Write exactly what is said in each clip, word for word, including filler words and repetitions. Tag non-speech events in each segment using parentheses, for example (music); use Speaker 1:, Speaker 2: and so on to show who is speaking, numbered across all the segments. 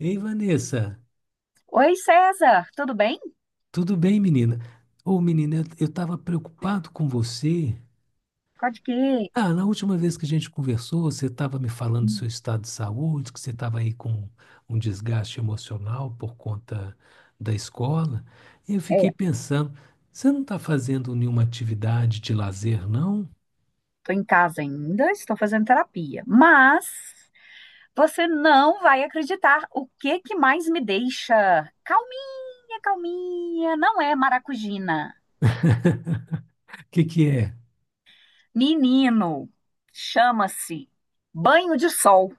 Speaker 1: Ei, Vanessa,
Speaker 2: Oi, César, tudo bem?
Speaker 1: tudo bem, menina? Ô, menina, eu eu tava preocupado com você.
Speaker 2: Pode que.
Speaker 1: Ah, na última vez que a gente conversou, você estava me falando do seu estado de saúde, que você estava aí com um desgaste emocional por conta da escola. E eu fiquei
Speaker 2: É,
Speaker 1: pensando, você não está fazendo nenhuma atividade de lazer, não?
Speaker 2: tô em casa ainda, estou fazendo terapia, mas você não vai acreditar o que que mais me deixa calminha, calminha. Não é maracujina.
Speaker 1: (laughs) O que que é?
Speaker 2: Menino, chama-se banho de sol.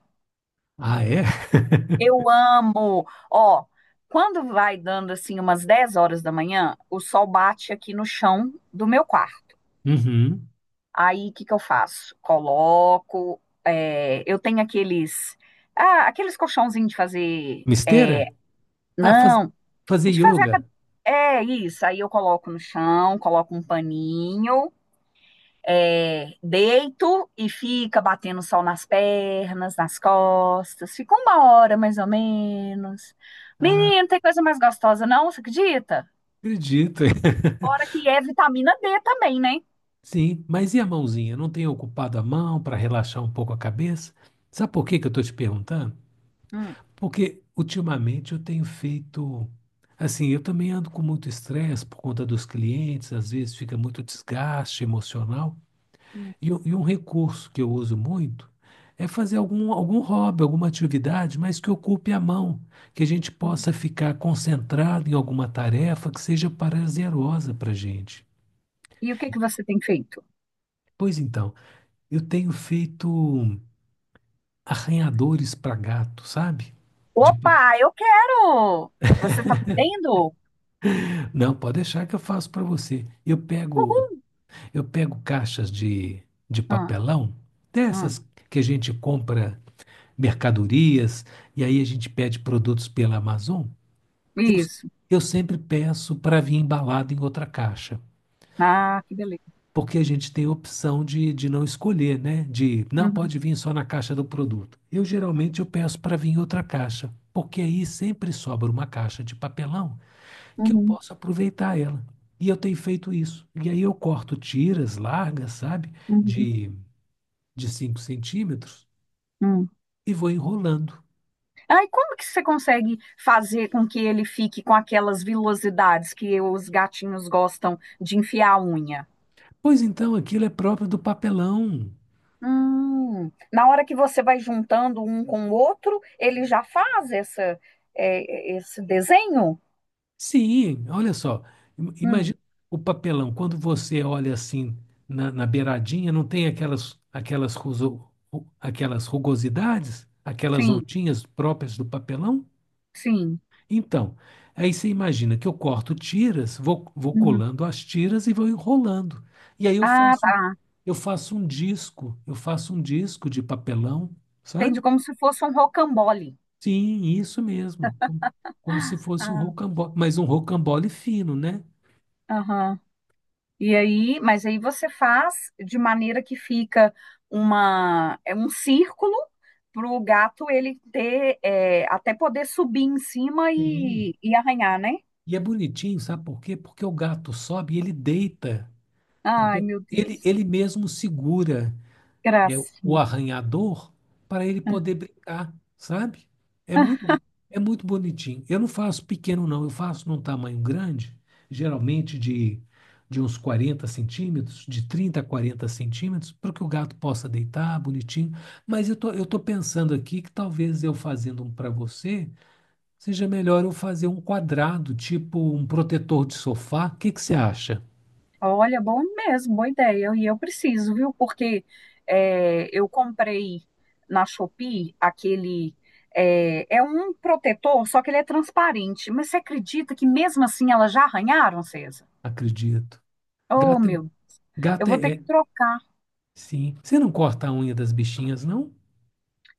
Speaker 1: Ah, é? (laughs)
Speaker 2: Eu amo. Ó, quando vai dando assim umas dez horas da manhã, o sol bate aqui no chão do meu quarto.
Speaker 1: Uhum.
Speaker 2: Aí, o que que eu faço? Coloco, é, eu tenho aqueles, ah, aqueles colchãozinhos de fazer, é,
Speaker 1: Misteira? Ah, faz-
Speaker 2: não,
Speaker 1: Fazer
Speaker 2: de fazer, a cade-
Speaker 1: yoga.
Speaker 2: é isso, aí eu coloco no chão, coloco um paninho, é, deito e fica batendo sol nas pernas, nas costas, fica uma hora mais ou menos. Menino,
Speaker 1: Ah,
Speaker 2: não tem coisa mais gostosa não, você acredita?
Speaker 1: acredito. (laughs)
Speaker 2: Fora que é vitamina D também, né?
Speaker 1: Sim, mas e a mãozinha? Não tem ocupado a mão para relaxar um pouco a cabeça? Sabe por que que eu estou te perguntando?
Speaker 2: Hum.
Speaker 1: Porque ultimamente eu tenho feito. Assim, eu também ando com muito estresse por conta dos clientes, às vezes fica muito desgaste emocional.
Speaker 2: Hum,
Speaker 1: E, um e um recurso que eu uso muito é fazer algum, algum hobby, alguma atividade, mas que ocupe a mão, que a gente
Speaker 2: hum.
Speaker 1: possa ficar concentrado em alguma tarefa que seja prazerosa para a gente.
Speaker 2: E o que que você tem feito?
Speaker 1: Pois então, eu tenho feito arranhadores para gato, sabe? De pa-
Speaker 2: Opa, eu quero! Você tá vendo?
Speaker 1: não, pode deixar que eu faço para você. Eu pego,
Speaker 2: Uhum.
Speaker 1: eu pego caixas de, de
Speaker 2: Ah,
Speaker 1: papelão,
Speaker 2: ah,
Speaker 1: dessas que a gente compra mercadorias e aí a gente pede produtos pela Amazon.
Speaker 2: isso.
Speaker 1: Eu sempre peço para vir embalado em outra caixa,
Speaker 2: Ah, que beleza.
Speaker 1: porque a gente tem a opção de, de não escolher, né? De não
Speaker 2: Uhum,
Speaker 1: pode vir só na caixa do produto. Eu geralmente eu peço para vir em outra caixa, porque aí sempre sobra uma caixa de papelão que eu
Speaker 2: uhum,
Speaker 1: possa aproveitar ela. E eu tenho feito isso. E aí eu corto tiras largas, sabe?
Speaker 2: uhum,
Speaker 1: De, de cinco centímetros
Speaker 2: uhum.
Speaker 1: e vou enrolando.
Speaker 2: Ah, e como que você consegue fazer com que ele fique com aquelas vilosidades que os gatinhos gostam de enfiar a unha?
Speaker 1: Pois então, aquilo é próprio do papelão.
Speaker 2: Hum, na hora que você vai juntando um com o outro, ele já faz essa, é, esse desenho?
Speaker 1: Sim, olha só. im-
Speaker 2: Hum,
Speaker 1: Imagina o papelão. Quando você olha assim na, na beiradinha, não tem aquelas, aquelas, ruso- ru- aquelas rugosidades, aquelas
Speaker 2: sim,
Speaker 1: ondinhas próprias do papelão?
Speaker 2: sim.
Speaker 1: Então, aí você imagina que eu corto tiras, vou, vou
Speaker 2: Uhum.
Speaker 1: colando as tiras e vou enrolando. E aí eu
Speaker 2: Ah,
Speaker 1: faço,
Speaker 2: tá.
Speaker 1: eu faço um disco, eu faço um disco de papelão,
Speaker 2: Entende
Speaker 1: sabe?
Speaker 2: como se fosse um rocambole.
Speaker 1: Sim, isso mesmo. Como, como se fosse um
Speaker 2: Ah,
Speaker 1: rocambole, mas um rocambole fino, né?
Speaker 2: aham. E aí, mas aí você faz de maneira que fica uma, é um círculo para o gato ele ter, é, até poder subir em cima
Speaker 1: Sim.
Speaker 2: e, e arranhar, né?
Speaker 1: E é bonitinho, sabe por quê? Porque o gato sobe e ele deita.
Speaker 2: Ai,
Speaker 1: Então,
Speaker 2: meu
Speaker 1: ele,
Speaker 2: Deus,
Speaker 1: ele mesmo segura. É, o
Speaker 2: gracinha.
Speaker 1: arranhador para ele poder brincar, sabe? É
Speaker 2: (laughs)
Speaker 1: muito, é muito bonitinho. Eu não faço pequeno, não. Eu faço num tamanho grande, geralmente de, de uns quarenta centímetros, de trinta a quarenta centímetros, para que o gato possa deitar bonitinho. Mas eu tô, eu tô pensando aqui que talvez eu fazendo um para você, seja melhor eu fazer um quadrado, tipo um protetor de sofá. O que que você acha?
Speaker 2: Olha, bom mesmo, boa ideia. E eu preciso, viu? Porque é, eu comprei na Shopee aquele. É, é um protetor, só que ele é transparente. Mas você acredita que mesmo assim elas já arranharam, César?
Speaker 1: Acredito.
Speaker 2: Oh,
Speaker 1: Gato é
Speaker 2: meu eu
Speaker 1: Gato
Speaker 2: vou
Speaker 1: é,
Speaker 2: ter que
Speaker 1: é-
Speaker 2: trocar.
Speaker 1: Sim. Você não corta a unha das bichinhas, não?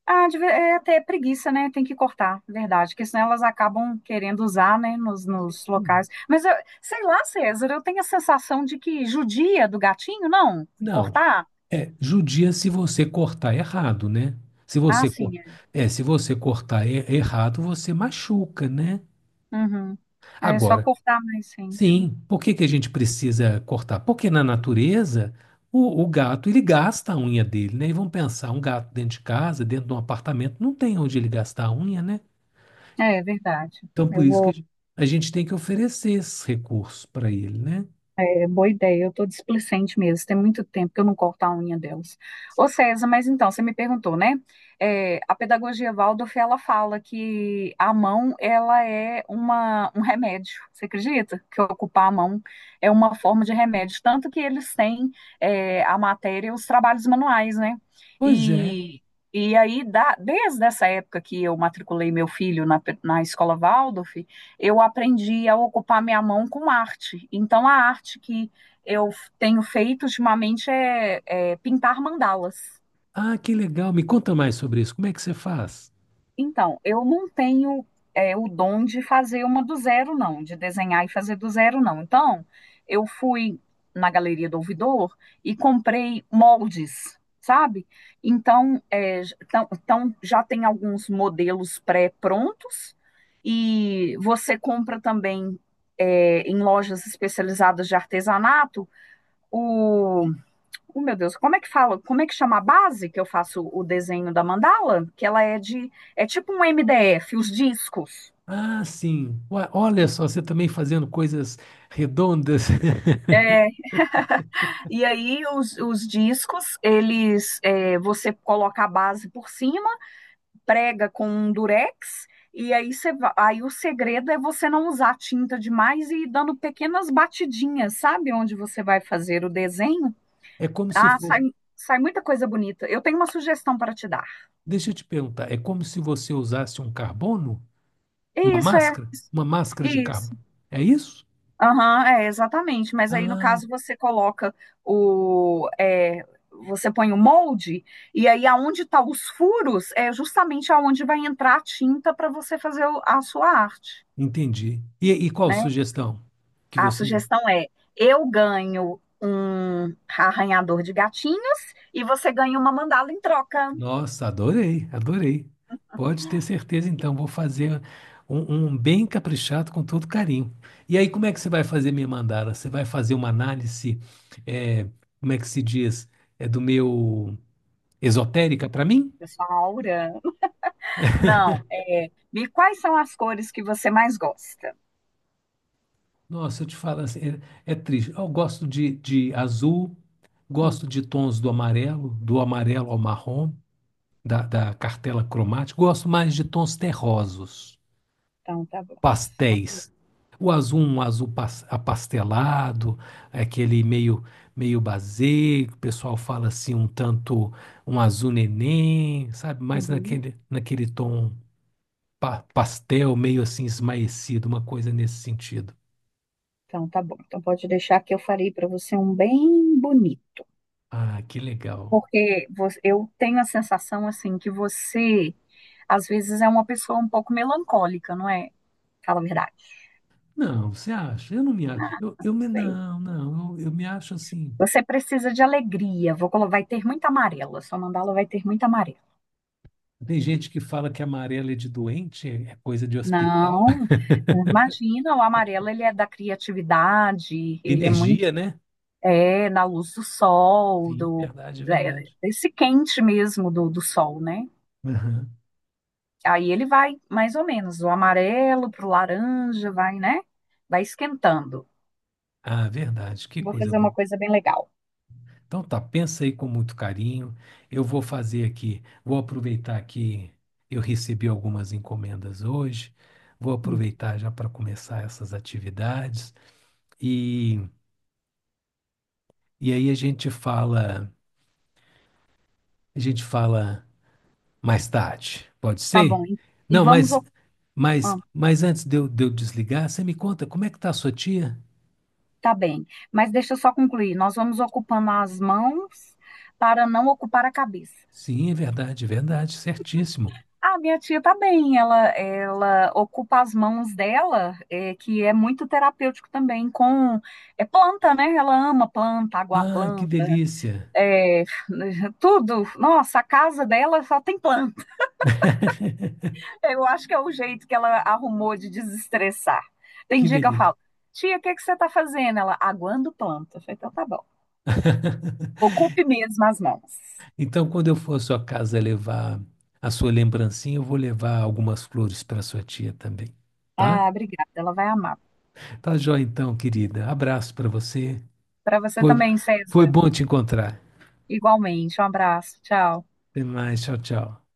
Speaker 2: Ah, de ve- é até preguiça, né? Tem que cortar, verdade, porque senão elas acabam querendo usar, né, nos, nos
Speaker 1: Hum.
Speaker 2: locais. Mas eu, sei lá, César, eu tenho a sensação de que judia do gatinho, não?
Speaker 1: Não.
Speaker 2: Cortar?
Speaker 1: É, judia se você cortar errado, né? Se
Speaker 2: Ah,
Speaker 1: você, cor-
Speaker 2: sim, é.
Speaker 1: É, se você cortar e- errado, você machuca, né?
Speaker 2: Uhum. É só
Speaker 1: Agora,
Speaker 2: cortar mais, gente.
Speaker 1: sim, por que que a gente precisa cortar? Porque na natureza, o, o gato, ele gasta a unha dele, né? E vamos pensar, um gato dentro de casa, dentro de um apartamento, não tem onde ele gastar a unha, né?
Speaker 2: É, é verdade.
Speaker 1: Então, por
Speaker 2: Eu
Speaker 1: isso que a
Speaker 2: vou.
Speaker 1: gente a gente tem que oferecer esses recursos para ele, né?
Speaker 2: É, boa ideia, eu tô displicente mesmo. Tem muito tempo que eu não corto a unha delas. Ô César, mas então, você me perguntou, né? É, a pedagogia Waldorf, ela fala que a mão, ela é uma, um remédio. Você acredita que ocupar a mão é uma forma de remédio? Tanto que eles têm é, a matéria, os trabalhos manuais, né?
Speaker 1: Pois é.
Speaker 2: E, e aí, da- desde essa época que eu matriculei meu filho na, pe- na escola Waldorf, eu aprendi a ocupar minha mão com arte. Então, a arte que eu tenho feito ultimamente é, é pintar mandalas.
Speaker 1: Ah, que legal. Me conta mais sobre isso. Como é que você faz?
Speaker 2: Então, eu não tenho é, o dom de fazer uma do zero, não, de desenhar e fazer do zero, não. Então, eu fui na Galeria do Ouvidor e comprei moldes, sabe? Então, é, j- tão- então já tem alguns modelos pré-prontos e você compra também é, em lojas especializadas de artesanato. Oh, meu Deus, como é que fala? Como é que chama a base que eu faço o desenho da mandala? Que ela é de. É tipo um M D F, os discos.
Speaker 1: Ah, sim. Ua- Olha só, você também fazendo coisas redondas. (laughs)
Speaker 2: É, e aí os, os discos, eles é, você coloca a base por cima, prega com um durex, e aí, você, va- aí o segredo é você não usar tinta demais e ir dando pequenas batidinhas, sabe? Onde você vai fazer o desenho.
Speaker 1: É como se
Speaker 2: Ah, sai,
Speaker 1: fosse.
Speaker 2: sai muita coisa bonita. Eu tenho uma sugestão para te dar.
Speaker 1: Deixa eu te perguntar. É como se você usasse um carbono? Uma
Speaker 2: Isso é,
Speaker 1: máscara? Uma máscara de carbono.
Speaker 2: isso.
Speaker 1: É isso?
Speaker 2: Aham, é, exatamente. Mas aí, no
Speaker 1: Ah,
Speaker 2: caso, você coloca o. é, você põe o molde, e aí aonde estão os furos é justamente aonde vai entrar a tinta para você fazer o- a sua arte,
Speaker 1: entendi. E, e qual
Speaker 2: né?
Speaker 1: sugestão que
Speaker 2: A
Speaker 1: você
Speaker 2: sugestão é: eu ganho um arranhador de gatinhos e você ganha uma mandala em troca.
Speaker 1: Nossa, adorei, adorei. Pode ter certeza, então, vou fazer um, um bem caprichado com todo carinho. E aí, como é que você vai fazer minha mandala? Você vai fazer uma análise, é, como é que se diz, é do meu esotérica para mim?
Speaker 2: Eu sou a Aura. (laughs) Não, é. E quais são as cores que você mais gosta?
Speaker 1: Nossa, eu te falo assim, é, é triste. Eu gosto de, de azul,
Speaker 2: Hum,
Speaker 1: gosto de tons do amarelo, do amarelo ao marrom, da, da cartela cromática, gosto mais de tons terrosos.
Speaker 2: Então, tá bom. Tá.
Speaker 1: Pastéis. O azul, um azul pas- apastelado, aquele meio meio basé, que o pessoal fala assim um tanto um azul neném, sabe? Mas
Speaker 2: Uhum.
Speaker 1: naquele naquele tom pa- pastel, meio assim esmaecido, uma coisa nesse sentido.
Speaker 2: Então, tá bom. Então, pode deixar que eu farei para você um bem bonito.
Speaker 1: Ah, que legal.
Speaker 2: Porque vo- eu tenho a sensação, assim, que você, às vezes, é uma pessoa um pouco melancólica, não é? Fala a verdade.
Speaker 1: Não, você acha? Eu não me acho. Eu, eu me,
Speaker 2: Bem,
Speaker 1: não, não, eu, eu me acho assim.
Speaker 2: você precisa de alegria. Vou colo- vai ter muita amarela. Sua mandala vai ter muita amarela.
Speaker 1: Tem gente que fala que amarelo é de doente, é coisa de hospital.
Speaker 2: Não,
Speaker 1: (laughs)
Speaker 2: imagina, o amarelo, ele é da criatividade, ele é muito,
Speaker 1: Energia, né?
Speaker 2: é, na luz do sol,
Speaker 1: Sim,
Speaker 2: do,
Speaker 1: verdade,
Speaker 2: é,
Speaker 1: verdade.
Speaker 2: desse quente mesmo do, do sol, né?
Speaker 1: Aham.
Speaker 2: Aí ele vai mais ou menos do amarelo pro laranja, vai, né? Vai esquentando.
Speaker 1: Ah, verdade, que
Speaker 2: Vou
Speaker 1: coisa
Speaker 2: fazer uma
Speaker 1: boa.
Speaker 2: coisa bem legal.
Speaker 1: Então tá, pensa aí com muito carinho. Eu vou fazer aqui, vou aproveitar que eu recebi algumas encomendas hoje, vou
Speaker 2: Hum,
Speaker 1: aproveitar já para começar essas atividades e, e aí a gente fala, a gente fala mais tarde, pode
Speaker 2: Tá
Speaker 1: ser?
Speaker 2: bom. Hein? E
Speaker 1: Não,
Speaker 2: vamos.
Speaker 1: mas
Speaker 2: oc-
Speaker 1: mas
Speaker 2: ah,
Speaker 1: mas antes de eu, de eu desligar, você me conta como é que tá a sua tia?
Speaker 2: tá bem. Mas deixa eu só concluir. Nós vamos ocupando as mãos para não ocupar a cabeça.
Speaker 1: Sim, é verdade, é verdade, certíssimo.
Speaker 2: Ah, minha tia tá bem. Ela, ela ocupa as mãos dela, é, que é muito terapêutico também, com. É planta, né? Ela ama planta, água
Speaker 1: Ah, que
Speaker 2: planta,
Speaker 1: delícia,
Speaker 2: é, (laughs) tudo. Nossa, a casa dela só tem planta.
Speaker 1: (laughs)
Speaker 2: Eu acho que é o jeito que ela arrumou de desestressar. Tem
Speaker 1: que
Speaker 2: dia que eu
Speaker 1: delícia.
Speaker 2: falo, tia, o que é que você tá fazendo? Ela, aguando planta. Eu falei, então tá bom.
Speaker 1: (laughs)
Speaker 2: Ocupe mesmo as mãos.
Speaker 1: Então, quando eu for à sua casa levar a sua lembrancinha, eu vou levar algumas flores para sua tia também, tá?
Speaker 2: Ah, obrigada, ela vai amar.
Speaker 1: Tá joia então, querida. Abraço para você.
Speaker 2: Para você
Speaker 1: Foi,
Speaker 2: também,
Speaker 1: foi
Speaker 2: César.
Speaker 1: bom te encontrar.
Speaker 2: Igualmente. Um abraço. Tchau.
Speaker 1: Até mais. Tchau, tchau.